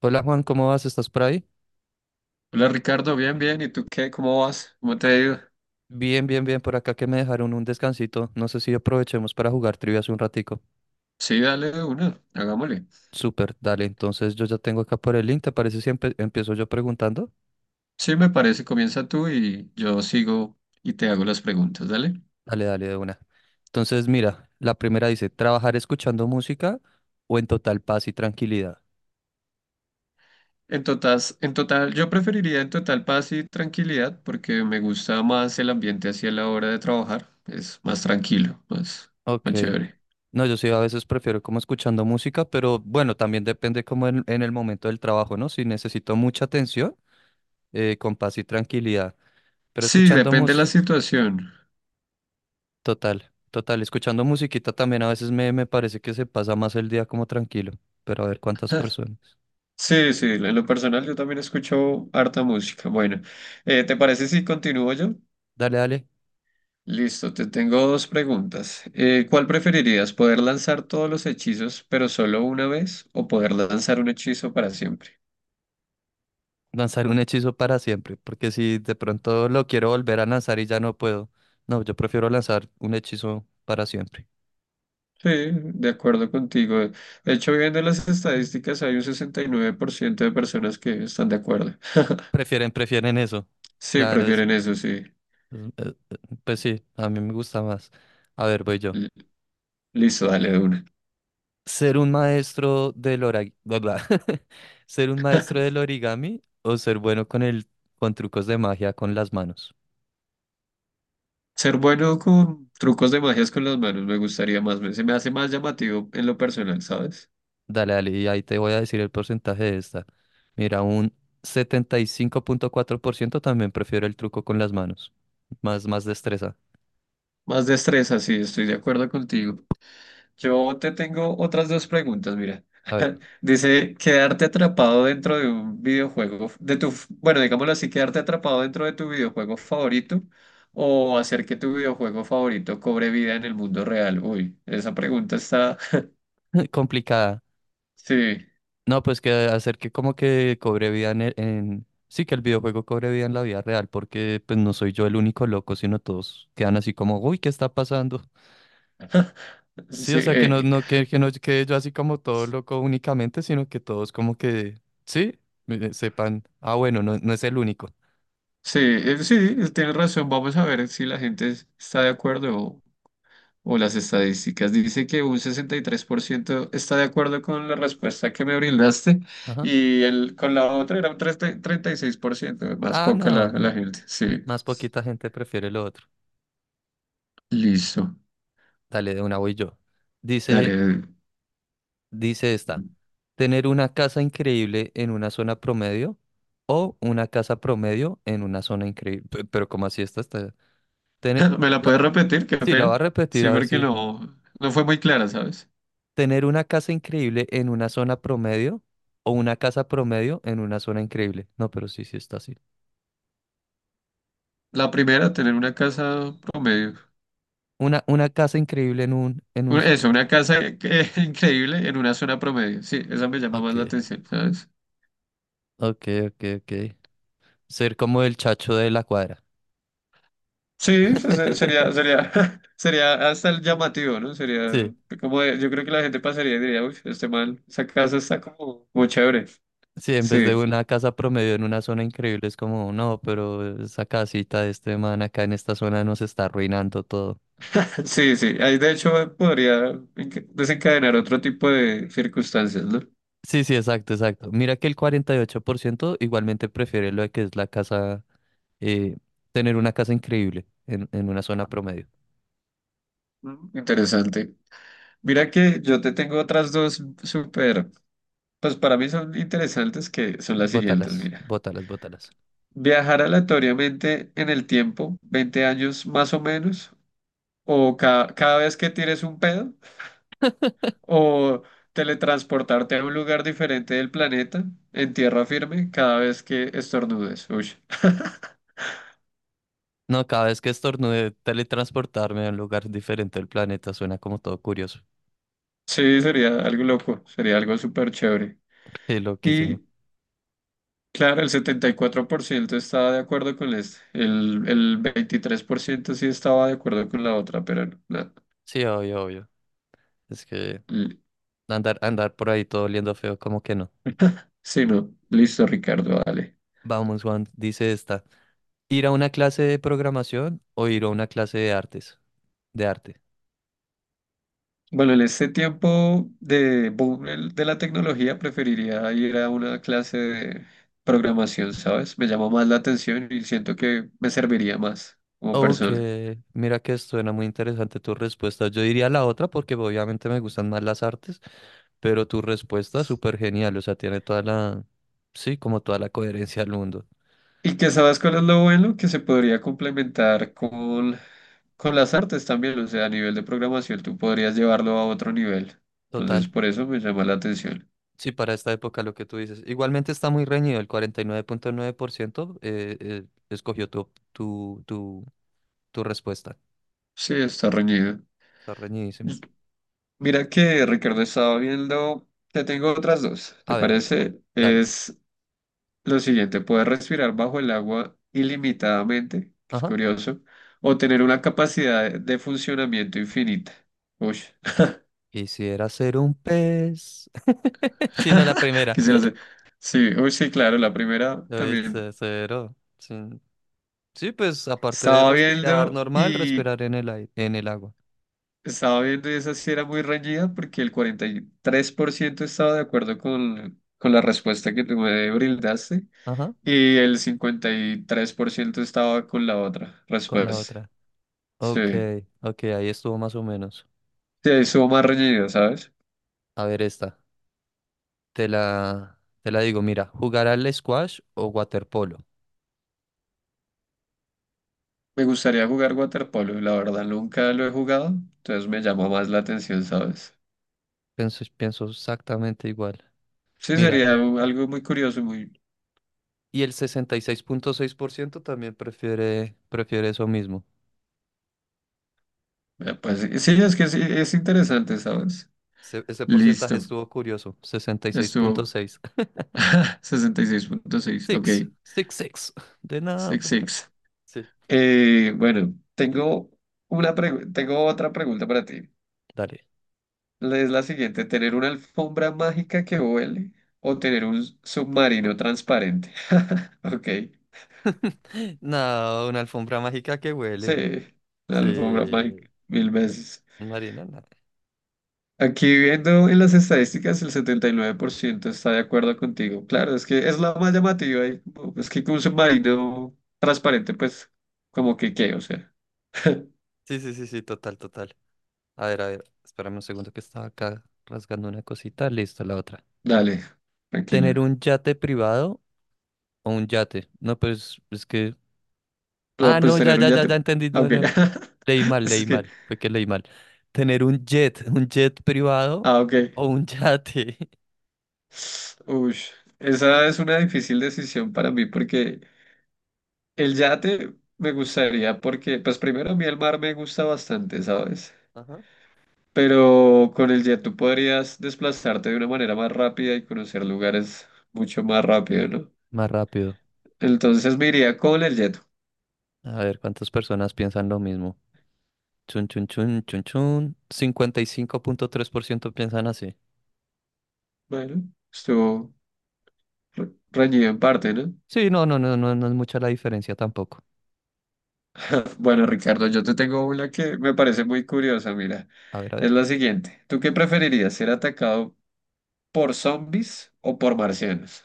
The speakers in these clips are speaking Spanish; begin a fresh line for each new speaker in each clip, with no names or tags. Hola Juan, ¿cómo vas? ¿Estás por ahí?
Hola Ricardo, bien, bien. ¿Y tú qué? ¿Cómo vas? ¿Cómo te ha ido?
Bien, bien, bien, por acá que me dejaron un descansito. No sé si aprovechemos para jugar trivias un ratico.
Sí, dale de una, hagámosle.
Súper, dale. Entonces yo ya tengo acá por el link, ¿te parece si empiezo yo preguntando?
Sí, me parece, comienza tú y yo sigo y te hago las preguntas, dale.
Dale, dale, de una. Entonces mira, la primera dice, ¿trabajar escuchando música o en total paz y tranquilidad?
En total, yo preferiría en total paz y tranquilidad porque me gusta más el ambiente hacia la hora de trabajar. Es más tranquilo, más,
Ok.
más chévere.
No, yo sí a veces prefiero como escuchando música, pero bueno, también depende como en el momento del trabajo, ¿no? Si necesito mucha atención, con paz y tranquilidad. Pero
Sí,
escuchando
depende de la
música.
situación.
Total, total. Escuchando musiquita también a veces me parece que se pasa más el día como tranquilo, pero a ver cuántas personas.
Sí, sí, en lo personal yo también escucho harta música. Bueno, ¿te parece si continúo yo?
Dale, dale,
Listo, te tengo dos preguntas. ¿Cuál preferirías? ¿Poder lanzar todos los hechizos, pero solo una vez? ¿O poder lanzar un hechizo para siempre?
lanzar un hechizo para siempre, porque si de pronto lo quiero volver a lanzar y ya no puedo, no, yo prefiero lanzar un hechizo para siempre.
Sí, de acuerdo contigo. De hecho, viendo las estadísticas, hay un 69% de personas que están de acuerdo.
Prefieren, prefieren eso.
Sí,
Claro, eso.
prefieren eso, sí.
Pues sí, a mí me gusta más. A ver, voy yo.
L- Listo, dale de una.
¿Ser un maestro del origami? ¿Ser un maestro del origami o ser bueno con trucos de magia con las manos?
Ser bueno con trucos de magias con las manos me gustaría más. Se me hace más llamativo en lo personal, ¿sabes?
Dale, dale, y ahí te voy a decir el porcentaje de esta. Mira, un 75,4% también prefiero el truco con las manos. Más, más destreza.
Más destreza, sí, estoy de acuerdo contigo. Yo te tengo otras dos preguntas, mira.
A ver,
Dice, quedarte atrapado dentro de un videojuego, bueno, digámoslo así, quedarte atrapado dentro de tu videojuego favorito o hacer que tu videojuego favorito cobre vida en el mundo real. Uy, esa pregunta está,
complicada.
sí,
No, pues que hacer que como que cobre vida en, sí, que el videojuego cobre vida en la vida real, porque pues no soy yo el único loco, sino todos quedan así como, uy, ¿qué está pasando? Sí,
sí,
o sea, que no, no, que no quede yo así como todo loco únicamente, sino que todos como que, sí, sepan, ah, bueno, no, no es el único.
sí, sí, tienes razón. Vamos a ver si la gente está de acuerdo o las estadísticas. Dice que un 63% está de acuerdo con la respuesta que me brindaste y el, con la otra era un 36% más
Ah,
poca la,
no,
la gente. Sí,
más poquita gente prefiere lo otro.
listo.
Dale, de una voy yo. Dice,
Dale.
dice esta, tener una casa increíble en una zona promedio o una casa promedio en una zona increíble. Pero, ¿cómo así esta está? Tene-
¿Me la puedes
la-
repetir? Qué
Sí, la va a
pena.
repetir,
Sí,
a ver
porque
si.
no, no fue muy clara, ¿sabes?
Tener una casa increíble en una zona promedio o una casa promedio en una zona increíble. No, pero sí, sí está así.
La primera, tener una casa promedio.
Una casa increíble en un...
Eso, increíble en una zona promedio. Sí, esa me llama más la
Ok,
atención, ¿sabes?
ok, ok, ok. Ser como el chacho de la cuadra.
Sí, sería, sería, sería hasta el llamativo, ¿no? Sería
Sí,
como yo creo que la gente pasaría y diría, uy, este mal, esa casa está como muy chévere.
sí, en vez de
Sí,
una casa promedio en una zona increíble, es como, no, pero esa casita de este man acá en esta zona nos está arruinando todo.
sí, sí. Ahí de hecho podría desencadenar otro tipo de circunstancias, ¿no?
Sí, sí, exacto, exacto. Mira que el 48% igualmente prefiere lo de que es la casa, eh, tener una casa increíble en una zona promedio.
Mm. Interesante. Mira que yo te tengo otras dos súper, pues para mí son interesantes que son las siguientes,
Bótalas,
mira.
bótalas, bótalas.
Viajar aleatoriamente en el tiempo, 20 años más o menos, o cada vez que tires un pedo o teletransportarte a un lugar diferente del planeta en tierra firme cada vez que estornudes. Uy.
No, cada vez que estornude teletransportarme a un lugar diferente del planeta suena como todo curioso.
Sí, sería algo loco, sería algo súper chévere.
Qué loquísimo.
Y claro, el 74% estaba de acuerdo con este, el 23% sí estaba de acuerdo con la otra, pero no, no.
Sí, obvio, obvio. Es que
L-
andar, andar por ahí todo oliendo feo, como que no.
Sí, no, listo, Ricardo, dale.
Vamos, Juan, dice esta. ¿Ir a una clase de programación o ir a una clase de artes? De arte.
Bueno, en este tiempo de boom de la tecnología preferiría ir a una clase de programación, ¿sabes? Me llama más la atención y siento que me serviría más como
Ok,
persona.
mira que suena muy interesante tu respuesta. Yo diría la otra porque obviamente me gustan más las artes, pero tu respuesta súper genial, o sea, tiene toda la, sí, como toda la coherencia del mundo.
Y que sabes cuál es lo bueno, que se podría complementar con las artes también, o sea, a nivel de programación tú podrías llevarlo a otro nivel.
Total.
Entonces, por eso me llama la atención.
Sí, para esta época lo que tú dices. Igualmente está muy reñido, el 49.9% escogió tu respuesta.
Sí, está reñido.
Está reñidísimo.
Mira que Ricardo estaba viendo, te tengo otras dos, ¿te
A ver, a ver.
parece?
Dale.
Es lo siguiente, poder respirar bajo el agua ilimitadamente, que es
Ajá.
curioso, o tener una capacidad de funcionamiento infinita. Uy,
Quisiera ser un pez. Si no la primera.
quisiera hacer. Sí, uy, sí, claro, la primera
Lo
también.
hice cero. Sí. Sí, pues aparte de
Estaba
respirar
viendo
normal,
y
respirar en el aire, en el agua.
estaba viendo y esa sí era muy reñida porque el 43% estaba de acuerdo con la respuesta que tú me brindaste
Ajá.
y el 53% estaba con la otra
Con la
respuesta.
otra.
Sí,
Ok, ok, ahí estuvo más o menos.
sí, estuvo más reñido, ¿sabes?
A ver esta. Te la digo, mira, jugar al squash o waterpolo.
Me gustaría jugar waterpolo, la verdad nunca lo he jugado, entonces me llama más la atención, ¿sabes?
Pienso, pienso exactamente igual.
Sí,
Mira,
sería algo muy curioso, muy...
y el 66,6% también prefiere, prefiere eso mismo.
pues sí, sí, es que sí, es interesante, ¿sabes?
Ese porcentaje
Listo,
estuvo curioso,
estuvo
66.6.
66,6 ok,
Six, six, six. De nada.
66.
Sí,
Bueno, tengo tengo otra pregunta para ti.
dale.
Es la siguiente, ¿tener una alfombra mágica que huele o tener un submarino transparente? Ok,
No, una alfombra mágica que
sí,
huele.
la alfombra
Sí.
mágica, mil veces.
Marina, no.
Aquí viendo en las estadísticas, el 79% está de acuerdo contigo. Claro, es que es la más llamativa. Y es que con un submarino transparente, pues, como que qué, o sea,
Sí, sí, sí, sí, total, total. A ver, espérame un segundo que estaba acá rasgando una cosita. Listo, la otra.
dale, tranquilo.
¿Tener un yate privado o un yate? No, pues es que...
No,
Ah,
pues
no, ya,
tener un
ya, ya, ya
yate.
entendí.
Ah,
No,
ok.
no. Leí mal,
Es
leí
que,
mal. Fue que leí mal. ¿Tener un jet privado
ah, ok.
o un yate?
Uy, esa es una difícil decisión para mí porque el yate me gustaría, porque, pues, primero a mí el mar me gusta bastante, ¿sabes?
Ajá.
Pero con el jet tú podrías desplazarte de una manera más rápida y conocer lugares mucho más rápido, ¿no?
Más rápido.
Entonces me iría con el jet.
A ver, ¿cuántas personas piensan lo mismo? Chun, chun, chun, chun, chun. 55,3% piensan así.
Bueno, estuvo reñido en parte, ¿no?
Sí, no, no, no, no, no es mucha la diferencia tampoco.
Bueno, Ricardo, yo te tengo una que me parece muy curiosa, mira.
A ver, a
Es
ver.
la siguiente. ¿Tú qué preferirías, ser atacado por zombies o por marcianos?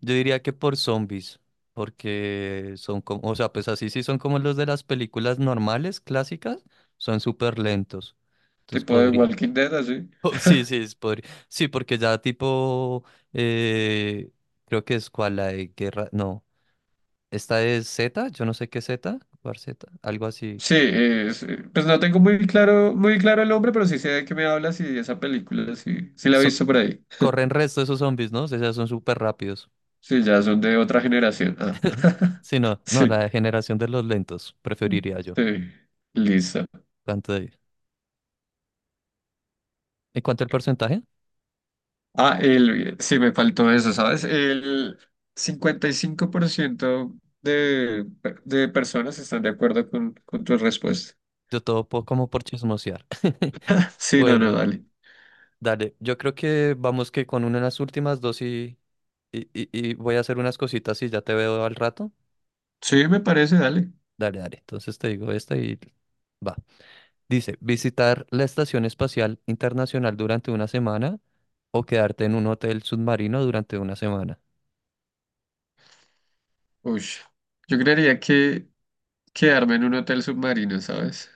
Yo diría que por zombies, porque son como, o sea, pues así sí son como los de las películas normales, clásicas, son súper lentos. Entonces
Tipo de
podría.
Walking Dead, así.
Oh, sí, sí, es podría. Sí, porque ya tipo, eh, creo que es cual la de guerra, no. Esta es Z, yo no sé qué es Z, War Z, algo así.
Sí, pues no tengo muy claro, muy claro el nombre, pero sí sé de qué me hablas y esa película, sí, sí la he
So-
visto por ahí.
corren resto esos zombies, ¿no? O sea, son súper rápidos.
Sí, ya son de otra generación. Ah,
Sí, no, no,
sí,
la generación de los lentos, preferiría yo.
sí, listo.
¿Cuánto de- ¿En cuanto al porcentaje?
Ah, el, sí, me faltó eso, ¿sabes? El 55% de, de personas están de acuerdo con tu respuesta.
Como por chismosear.
Sí, no, no,
Bueno,
dale.
dale, yo creo que vamos que con una de las últimas dos y voy a hacer unas cositas y ya te veo al rato.
Sí, me parece, dale.
Dale, dale, entonces te digo esta y va. Dice, visitar la Estación Espacial Internacional durante una semana o quedarte en un hotel submarino durante una semana.
Uy, yo creería que quedarme en un hotel submarino, ¿sabes?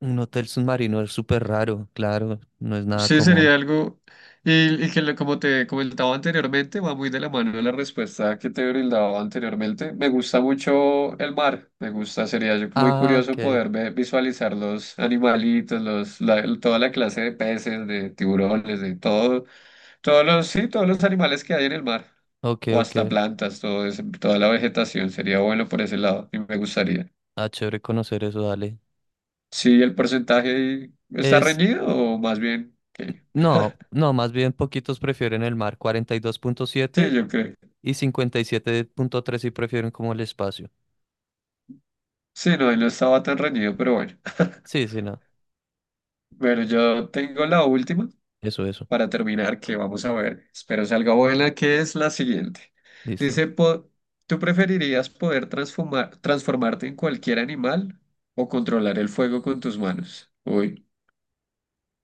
Un hotel submarino es súper raro, claro, no es nada
Sí,
común.
sería algo, y que como te comentaba anteriormente, va muy de la mano de la respuesta que te brindaba anteriormente. Me gusta mucho el mar, me gusta, sería yo muy
Ah,
curioso
ok,
poder visualizar los animalitos, toda la clase de peces, de tiburones, de todo, todos los, sí, todos los animales que hay en el mar,
ok,
o
ok.
hasta plantas, toda la vegetación, sería bueno por ese lado, y me gustaría.
Ah, chévere conocer eso, dale.
Sí, el porcentaje ahí está
Es,
reñido, o más bien, que
no, no, más bien poquitos prefieren el mar, cuarenta y dos punto
sí,
siete
yo creo.
y 57,3 sí prefieren como el espacio.
Sí, no, no estaba tan reñido, pero bueno.
Sí, sí, no,
Bueno, yo tengo la última
eso,
para terminar, que vamos a ver. Espero salga buena, que es la siguiente.
listo.
Dice, ¿tú preferirías poder transformarte en cualquier animal o controlar el fuego con tus manos? Uy.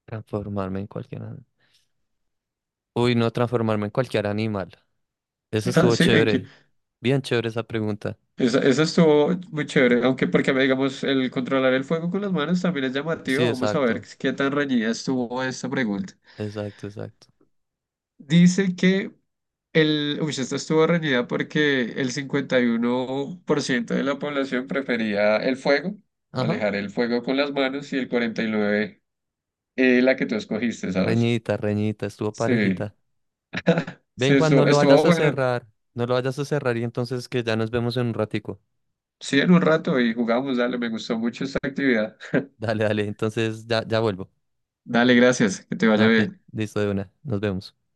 Transformarme en cualquier animal. Uy, no transformarme en cualquier animal. Eso
Ah,
estuvo
sí, en que
chévere. Bien chévere esa pregunta.
esa estuvo muy chévere, aunque porque digamos el controlar el fuego con las manos también es
Sí,
llamativo. Vamos a ver
exacto.
qué tan reñida estuvo esta pregunta.
Exacto, exacto.
Dice que el, uy, esto estuvo reñida porque el 51% de la población prefería el fuego,
Ajá.
manejar el fuego con las manos, y el 49% la que tú escogiste, ¿sabes?
Reñita, reñita, estuvo
Sí,
parejita. Ven,
sí,
Juan, no
estuvo,
lo vayas
estuvo
a
bueno.
cerrar. No lo vayas a cerrar y entonces que ya nos vemos en un ratico.
Sí, en un rato y jugamos, dale, me gustó mucho esta actividad.
Dale, dale, entonces ya, ya vuelvo.
Dale, gracias, que te vaya
Nate,
bien.
listo de una. Nos vemos.